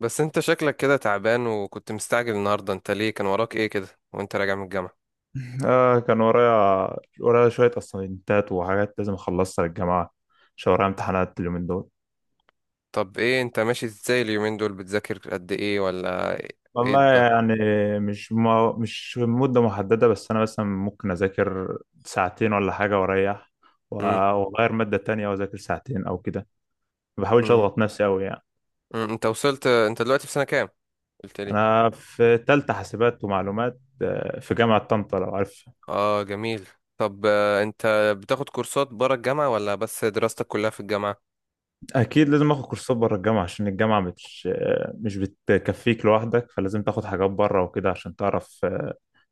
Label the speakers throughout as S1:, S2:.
S1: بس انت شكلك كده تعبان، وكنت مستعجل النهارده. انت ليه كان وراك ايه كده وانت راجع من الجامعة؟
S2: آه، كان ورايا شوية أسايمنتات وحاجات لازم أخلصها للجماعة، عشان ورايا امتحانات اليومين دول.
S1: طب ايه، انت ماشي ازاي اليومين دول؟ بتذاكر قد ايه ولا ايه
S2: والله
S1: ده؟
S2: يعني، مش مدة محددة، بس أنا مثلا ممكن أذاكر ساعتين ولا حاجة وأريح، و-
S1: مم.
S2: وأغير مادة تانية وأذاكر ساعتين أو كده. ما بحاولش
S1: مم.
S2: أضغط نفسي أوي يعني.
S1: انت وصلت، انت دلوقتي في سنة كام؟ قلت لي.
S2: أنا في تالتة حاسبات ومعلومات، في جامعة طنطا لو عارف.
S1: اه، جميل. طب، انت بتاخد كورسات برا الجامعة ولا بس دراستك كلها في الجامعة؟
S2: أكيد لازم آخد كورسات بره الجامعة، عشان الجامعة مش بتكفيك لوحدك، فلازم تاخد حاجات بره وكده عشان تعرف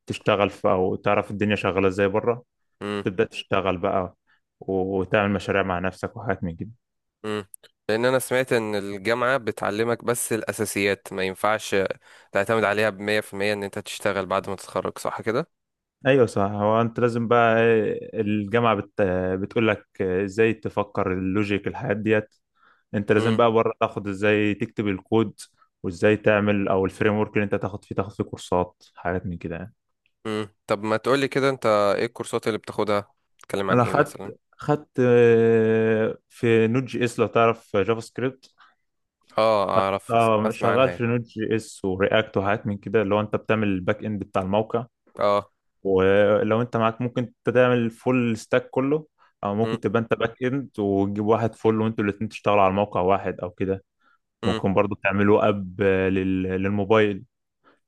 S2: تشتغل في، او تعرف الدنيا شغاله ازاي بره.
S1: مم.
S2: تبدا تشتغل بقى، وتعمل مشاريع مع نفسك وحاجات من كده.
S1: مم. لان انا سمعت ان الجامعة بتعلمك بس الاساسيات، ما ينفعش تعتمد عليها بمية في المية ان انت تشتغل بعد ما تتخرج، صح كده؟
S2: ايوه صح، هو انت لازم بقى الجامعه بتقول لك ازاي تفكر اللوجيك الحاجات ديت. انت لازم بقى بره تاخد ازاي تكتب الكود، وازاي تعمل او الفريم ورك، اللي انت تاخد فيه كورسات حاجات من كده يعني.
S1: مم. طب، ما تقولي كده، انت ايه الكورسات اللي بتاخدها؟ بتتكلم عن
S2: انا
S1: ايه
S2: خدت
S1: مثلا؟
S2: خدت آه، في نوت جي اس لو تعرف جافا سكريبت.
S1: اه
S2: خ-
S1: اعرف، اسمع,
S2: اه،
S1: اسمع عنها
S2: شغال
S1: يعني.
S2: في نود جي اس ورياكت وحاجات من كده، اللي هو انت بتعمل الباك اند بتاع الموقع.
S1: اه.
S2: ولو انت معاك، ممكن انت تعمل فول ستاك كله، او
S1: مم.
S2: ممكن تبقى انت باك اند وتجيب واحد فول، وانتوا الاتنين تشتغلوا على موقع واحد او كده.
S1: مم.
S2: ممكن برضو تعملوا اب، للموبايل.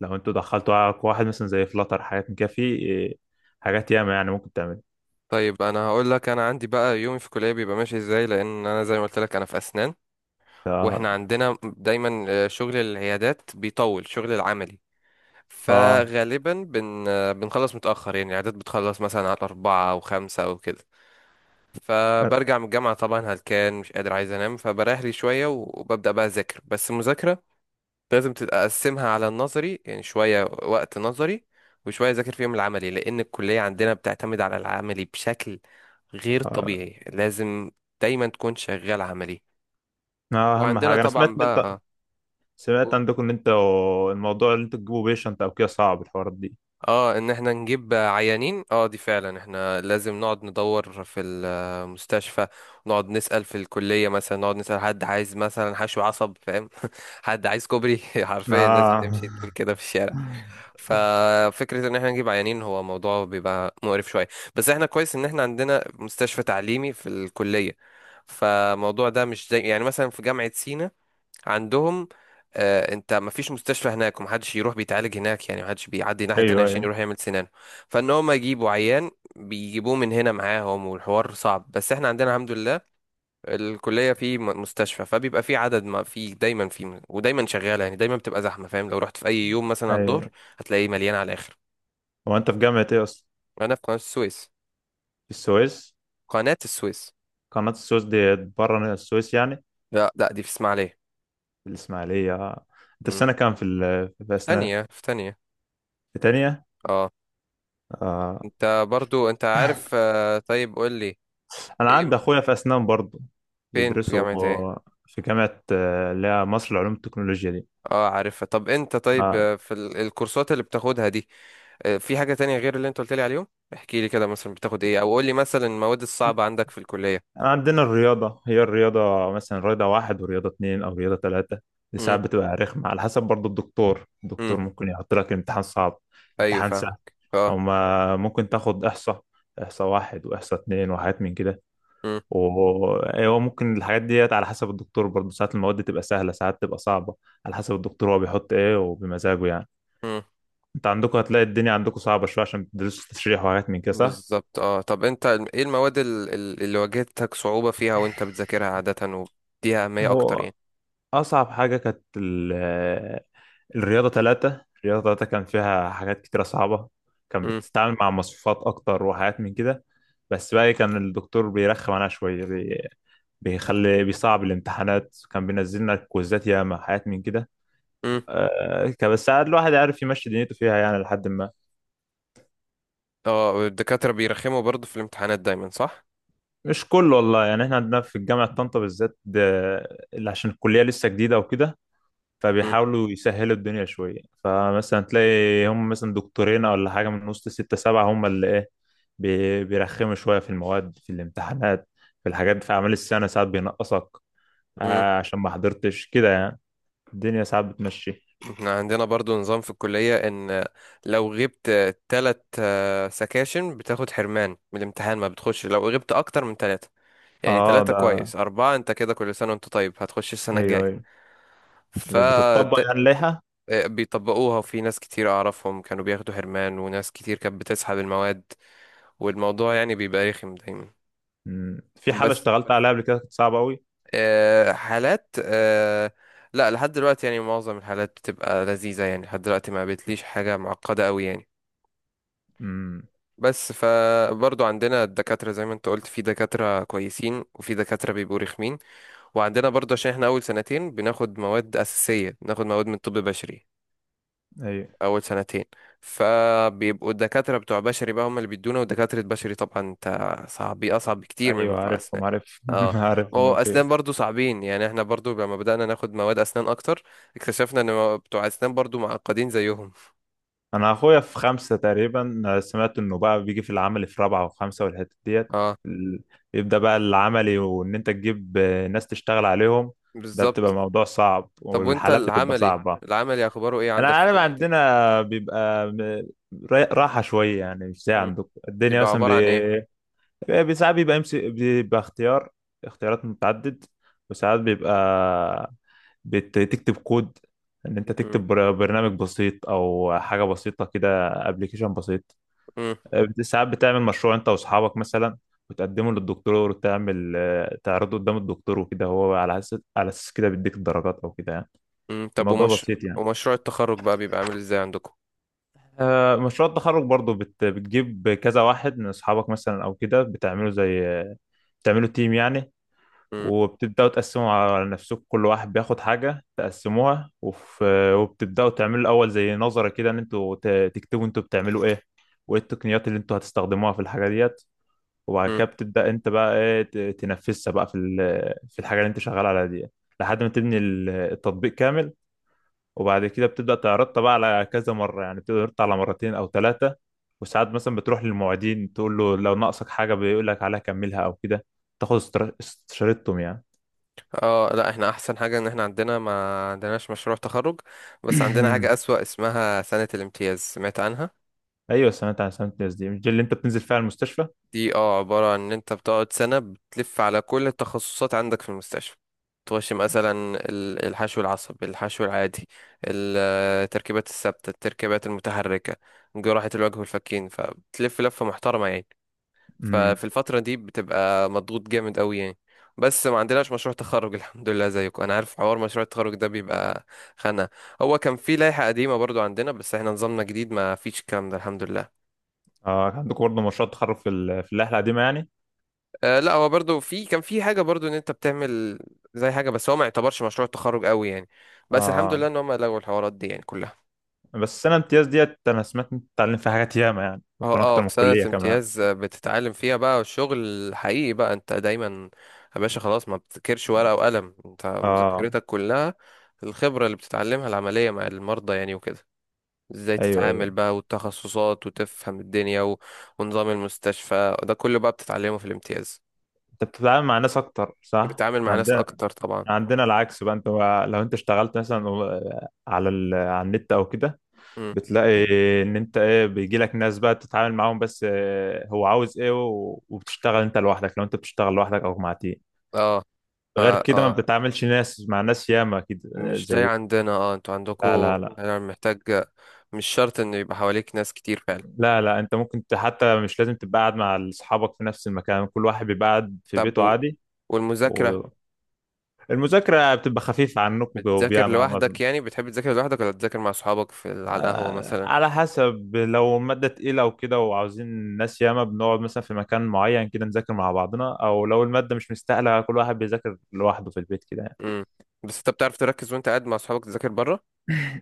S2: لو انتوا دخلتوا على واحد مثلا زي فلاتر حاجات من كده، في حاجات ياما يعني ممكن تعمل.
S1: طيب انا هقول لك، انا عندي بقى يومي في الكليه بيبقى ماشي ازاي، لان انا زي ما قلت لك، انا في اسنان.
S2: اه،
S1: واحنا عندنا دايما شغل العيادات بيطول، شغل العملي.
S2: اه،
S1: فغالبا بن آه، بنخلص متاخر، يعني العيادات بتخلص مثلا على 4 او 5 او كده.
S2: آه،
S1: فبرجع من الجامعه طبعا هلكان، مش قادر، عايز انام، فبريح لي شويه وببدا بقى اذاكر. بس المذاكره لازم تبقى اقسمها على النظري، يعني شويه وقت نظري وشويه اذاكر فيهم العملي، لان الكليه عندنا بتعتمد على العملي بشكل غير طبيعي، لازم دايما تكون شغال عملي.
S2: اهم
S1: وعندنا
S2: حاجه، انا سمعت
S1: طبعا
S2: ان انت
S1: بقى،
S2: سمعت عندكم ان انت الموضوع اللي انتوا تجيبوا بيشنت او كده، صعب الحوارات دي.
S1: اه، ان احنا نجيب عيانين. اه، دي فعلا احنا لازم نقعد ندور في المستشفى، نقعد نسأل في الكلية مثلا، نقعد نسأل حد عايز مثلا حشو عصب، فاهم؟ حد عايز كوبري حرفيا الناس بتمشي
S2: اه،
S1: تقول كده في الشارع. ففكرة ان احنا نجيب عيانين هو موضوع بيبقى مقرف شوية. بس احنا كويس ان احنا عندنا مستشفى تعليمي في الكلية، فالموضوع ده مش زي يعني مثلا في جامعة سينا عندهم. انت ما فيش مستشفى هناك، ومحدش يروح بيتعالج هناك يعني، محدش بيعدي ناحية تانية
S2: ايوه،
S1: عشان
S2: ايوه،
S1: يروح يعمل سنانه. فان هم يجيبوا عيان بيجيبوه من هنا معاهم، والحوار صعب. بس احنا عندنا الحمد لله الكلية في مستشفى، فبيبقى في عدد، ما في دايما في، ودايما شغالة يعني، دايما بتبقى زحمة، فاهم؟ لو رحت في أي يوم مثلا على الظهر
S2: ايوه.
S1: هتلاقيه مليان على الآخر.
S2: هو انت في جامعة ايه اصلا؟
S1: أنا في قناة السويس.
S2: في السويس؟
S1: قناة السويس.
S2: قناة السويس دي بره السويس يعني؟
S1: لا، لا، دي في إسماعيلية.
S2: في الاسماعيلية. آه. انت
S1: مم.
S2: السنة كام في في
S1: في
S2: اسنان؟
S1: تانية. في تانية.
S2: في تانية؟
S1: اه.
S2: آه.
S1: انت برضو انت عارف. طيب قول لي.
S2: انا
S1: ايه؟
S2: عندي اخويا في اسنان برضه،
S1: فين؟ في
S2: بيدرسوا
S1: جامعة ايه؟
S2: في جامعة اللي هي مصر لعلوم التكنولوجيا دي.
S1: اه، عارفها. طب انت، طيب،
S2: آه.
S1: في الكورسات اللي بتاخدها دي، في حاجة تانية غير اللي انت قلت لي عليهم؟ احكي لي كده مثلا بتاخد ايه، او قول لي مثلا المواد الصعبة عندك في الكلية.
S2: عندنا الرياضة، هي الرياضة مثلا رياضة واحد ورياضة اتنين أو رياضة تلاتة. دي
S1: مم.
S2: ساعات بتبقى رخمة، على حسب برضه الدكتور. الدكتور ممكن يحط لك امتحان صعب،
S1: ايوه،
S2: امتحان
S1: فاهمك،
S2: سهل.
S1: اه.
S2: هما ممكن تاخد إحصاء. إحصاء واحد وإحصاء اتنين وحاجات من كده.
S1: مم.
S2: وهو ممكن الحاجات ديت على حسب الدكتور برضه، ساعات المواد تبقى سهلة ساعات تبقى صعبة. على حسب الدكتور هو بيحط إيه، وبمزاجه يعني.
S1: مم.
S2: أنت عندكم هتلاقي الدنيا عندكم صعبة شوية، عشان بتدرسوا تشريح وحاجات من كده، صح؟
S1: بالظبط، اه. طب، انت ايه المواد اللي واجهتك صعوبة فيها وانت بتذاكرها عادة وبديها أهمية اكتر
S2: هو
S1: يعني؟
S2: أصعب حاجة كانت الرياضة تلاتة. الرياضة تلاتة كان فيها حاجات كتيرة صعبة، كان
S1: مم.
S2: بتتعامل مع مصفوفات أكتر وحاجات من كده. بس بقى، كان الدكتور بيرخم عليها شوية، بيصعب الامتحانات، كان بينزل لنا كويزات ياما حاجات من كده.
S1: مم.
S2: كان، بس ساعات الواحد عارف يمشي دنيته فيها يعني لحد ما.
S1: اه، الدكاترة بيرخموا برضو في الامتحانات دايما، صح؟
S2: مش كله والله يعني، احنا عندنا في الجامعة طنطا بالذات اللي عشان الكلية لسه جديدة وكده،
S1: مم.
S2: فبيحاولوا يسهلوا الدنيا شوية، فمثلا تلاقي هم مثلا دكتورين ولا حاجة من وسط ستة سبعة هم اللي ايه، بيرخموا شوية في المواد، في الامتحانات، في الحاجات. في أعمال السنة ساعات بينقصك
S1: مم.
S2: عشان ما حضرتش كده يعني. الدنيا ساعات بتمشي.
S1: احنا عندنا برضو نظام في الكلية ان لو غبت تلات سكاشن بتاخد حرمان من الامتحان، ما بتخش لو غبت اكتر من تلاتة. يعني
S2: اه،
S1: تلاتة
S2: ده،
S1: كويس، اربعة انت كده كل سنة وانت طيب، هتخش السنة
S2: ايوه،
S1: الجاية.
S2: ايوه، لو بتطبق
S1: فده
S2: يعني اللائحه.
S1: بيطبقوها، وفي ناس كتير أعرفهم كانوا بياخدوا حرمان، وناس كتير كانت بتسحب المواد، والموضوع يعني بيبقى رخم دايما.
S2: في حاله
S1: بس
S2: اشتغلت عليها قبل كده كانت صعبه قوي.
S1: حالات لا، لحد دلوقتي يعني معظم الحالات بتبقى لذيذة، يعني لحد دلوقتي ما قابلتليش حاجة معقدة أوي يعني.
S2: أمم.
S1: بس فبرضو عندنا الدكاترة زي ما انت قلت، في دكاترة كويسين وفي دكاترة بيبقوا رخمين. وعندنا برضو عشان احنا أول سنتين بناخد مواد أساسية، بناخد مواد من طب بشري،
S2: ايوه،
S1: اول سنتين. فبيبقوا الدكاتره بتوع بشري بقى هم اللي بيدونا، ودكاتره بشري طبعا انت، صعب، اصعب بكتير من
S2: ايوه،
S1: بتوع اسنان.
S2: عارفهم، عارفهم،
S1: اه. هو
S2: عارفهم في إيه.
S1: اسنان برضو صعبين يعني، احنا برضو لما بدأنا ناخد مواد اسنان اكتر اكتشفنا ان بتوع اسنان برضو معقدين زيهم.
S2: انا اخويا في خمسه تقريبا، سمعت انه بقى بيجي في العمل في رابعه وخمسه والحته ديت،
S1: اه،
S2: ال- يبدا بقى العملي، وان انت تجيب ناس تشتغل عليهم، ده بتبقى
S1: بالظبط.
S2: موضوع صعب
S1: طب وانت
S2: والحالات بتبقى
S1: العملي
S2: صعبه.
S1: العملي اخباره ايه
S2: انا
S1: عندك في
S2: عارف
S1: كليتك؟
S2: عندنا بيبقى راحه شويه يعني، مش زي
S1: مم.
S2: عندكم الدنيا
S1: بيبقى
S2: مثلا.
S1: عبارة عن ايه؟
S2: ساعات بيبقى امسك، بيبقى اختيار، اختيارات متعدد، وساعات بيبقى بتكتب كود، ان انت
S1: مم.
S2: تكتب برنامج بسيط او حاجه بسيطه كده، ابلكيشن بسيط.
S1: مم.
S2: ساعات بتعمل مشروع انت واصحابك مثلا، وتقدمه للدكتور، وتعمل تعرضه قدام الدكتور وكده، هو على اساس كده بيديك الدرجات او كده يعني.
S1: مم. طب،
S2: الموضوع بسيط يعني.
S1: ومشروع التخرج بقى بيبقى عامل ازاي عندكم؟
S2: مشروع التخرج برضو بتجيب كذا واحد من اصحابك مثلا او كده، بتعملوا زي بتعملوا تيم يعني، وبتبدأوا تقسموا على نفسكم، كل واحد بياخد حاجة تقسموها، وبتبدأوا تعملوا الأول زي نظرة كده، إن أنتوا تكتبوا أنتوا بتعملوا إيه، وإيه التقنيات اللي أنتوا هتستخدموها في الحاجة ديت. وبعد
S1: مم.
S2: كده بتبدأ أنت بقى تنفذها بقى في في الحاجة اللي أنت شغال عليها دي، لحد ما تبني التطبيق كامل. وبعد كده بتبدأ تعرضها بقى على كذا مرة يعني، بتبدأ تعرضها على مرتين أو ثلاثة، وساعات مثلا بتروح للمعيدين تقول له لو ناقصك حاجة بيقول لك عليها كملها أو كده، تاخد استشارتهم يعني.
S1: اه، لا، احنا احسن حاجة ان احنا ما عندناش مشروع تخرج. بس عندنا حاجة اسوأ، اسمها سنة الامتياز، سمعت عنها؟
S2: ايوه، سمعت الناس دي، مش دي اللي انت بتنزل فيها المستشفى؟
S1: دي عبارة عن ان انت بتقعد سنة بتلف على كل التخصصات عندك في المستشفى، تخش مثلا الحشو العصبي، الحشو العادي، ال- التركيبات الثابتة، التركيبات المتحركة، جراحة الوجه والفكين، فبتلف لفة محترمة يعني.
S2: امم.
S1: ففي الفترة دي بتبقى مضغوط جامد قوي يعني. بس ما عندناش مشروع تخرج الحمد لله. زيكم، انا عارف حوار مشروع التخرج ده بيبقى خانة. هو كان في لائحة قديمة برضو عندنا، بس احنا نظامنا جديد ما فيش الكلام ده الحمد لله.
S2: اه كان عندكم برضه مشروع تخرج في في اللائحه القديمه يعني.
S1: آه، لا، هو برضو كان في حاجة برضو ان انت بتعمل زي حاجة، بس هو ما يعتبرش مشروع تخرج قوي يعني. بس الحمد لله
S2: اه،
S1: ان هم لغوا الحوارات دي يعني كلها.
S2: بس السنه الامتياز ديت، انا سمعت انت بتتعلم فيها حاجات ياما يعني
S1: اه،
S2: ممكن
S1: اه،
S2: اكتر من
S1: في سنة
S2: الكليه كمان.
S1: امتياز بتتعلم فيها بقى الشغل الحقيقي بقى، انت دايما، يا باشا خلاص، ما بتذاكرش ورقة وقلم، انت
S2: اه،
S1: مذاكرتك كلها الخبرة اللي بتتعلمها العملية مع المرضى يعني وكده. ازاي
S2: ايوه، ايوه.
S1: تتعامل بقى، والتخصصات، وتفهم الدنيا و... ونظام المستشفى ده كله بقى بتتعلمه في الامتياز.
S2: انت بتتعامل مع ناس اكتر، صح؟
S1: بتتعامل
S2: احنا
S1: مع ناس
S2: عندنا،
S1: اكتر طبعا.
S2: إحنا عندنا العكس بقى، انت لو انت اشتغلت مثلا على على النت او كده،
S1: مم.
S2: بتلاقي ان انت ايه، بيجي لك ناس بقى تتعامل معاهم، بس هو عاوز ايه، وبتشتغل انت لوحدك، لو انت بتشتغل لوحدك او مع تيم.
S1: اه، فا،
S2: غير كده ما
S1: اه.
S2: بتتعاملش ناس مع ناس ياما، اكيد
S1: مش زي
S2: زيكم.
S1: عندنا، اه، انتوا
S2: لا، لا،
S1: عندكوا
S2: لا.
S1: يعني محتاج. مش شرط انه يبقى حواليك ناس كتير فعلا.
S2: لا، لا، انت ممكن حتى مش لازم تبقى قاعد مع اصحابك في نفس المكان، كل واحد بيبقى قاعد في
S1: طب،
S2: بيته عادي.
S1: والمذاكرة،
S2: والمذاكرة بتبقى خفيفة عنكم،
S1: بتذاكر
S2: وبياما على ما اظن.
S1: لوحدك يعني؟ بتحب تذاكر لوحدك ولا تذاكر مع صحابك في على القهوة مثلا؟
S2: على حسب، لو مادة تقيلة وكده وعاوزين ناس ياما، بنقعد مثلا في مكان معين كده نذاكر مع بعضنا، او لو المادة مش مستاهلة كل واحد بيذاكر لوحده في البيت كده يعني.
S1: امم بس انت بتعرف تركز وانت قاعد مع صحابك تذاكر بره؟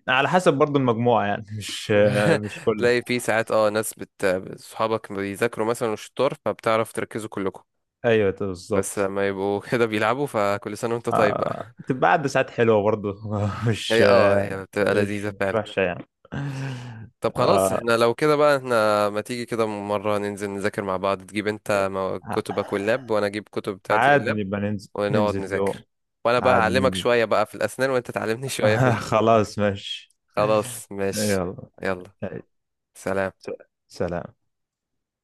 S2: على حسب برضو المجموعة يعني، مش آه، مش كل.
S1: تلاقي في ساعات، اه، ناس صحابك بيذاكروا مثلا وشطار فبتعرف تركزوا كلكم.
S2: ايوه بالظبط.
S1: بس لما يبقوا كده بيلعبوا، فكل سنة وانت طيب بقى.
S2: بتبقى قاعدة ساعات حلوة برضه مش
S1: هي بتبقى
S2: مش
S1: لذيذة
S2: مش
S1: فعلا.
S2: وحشة يعني.
S1: طب خلاص،
S2: آه،
S1: احنا لو كده بقى، احنا ما تيجي كده مرة ننزل نذاكر مع بعض؟ تجيب انت كتبك واللاب، وانا اجيب كتب بتاعتي
S2: عادي
S1: واللاب،
S2: نبقى ننزل
S1: ونقعد
S2: ننزل يوم.
S1: نذاكر، وانا بقى
S2: عادي
S1: هعلمك
S2: ننزل.
S1: شوية بقى في الاسنان، وانت تعلمني شوية في الكودينج.
S2: خلاص ماشي.
S1: خلاص، ماشي.
S2: يلا.
S1: يلا، سلام.
S2: سلام.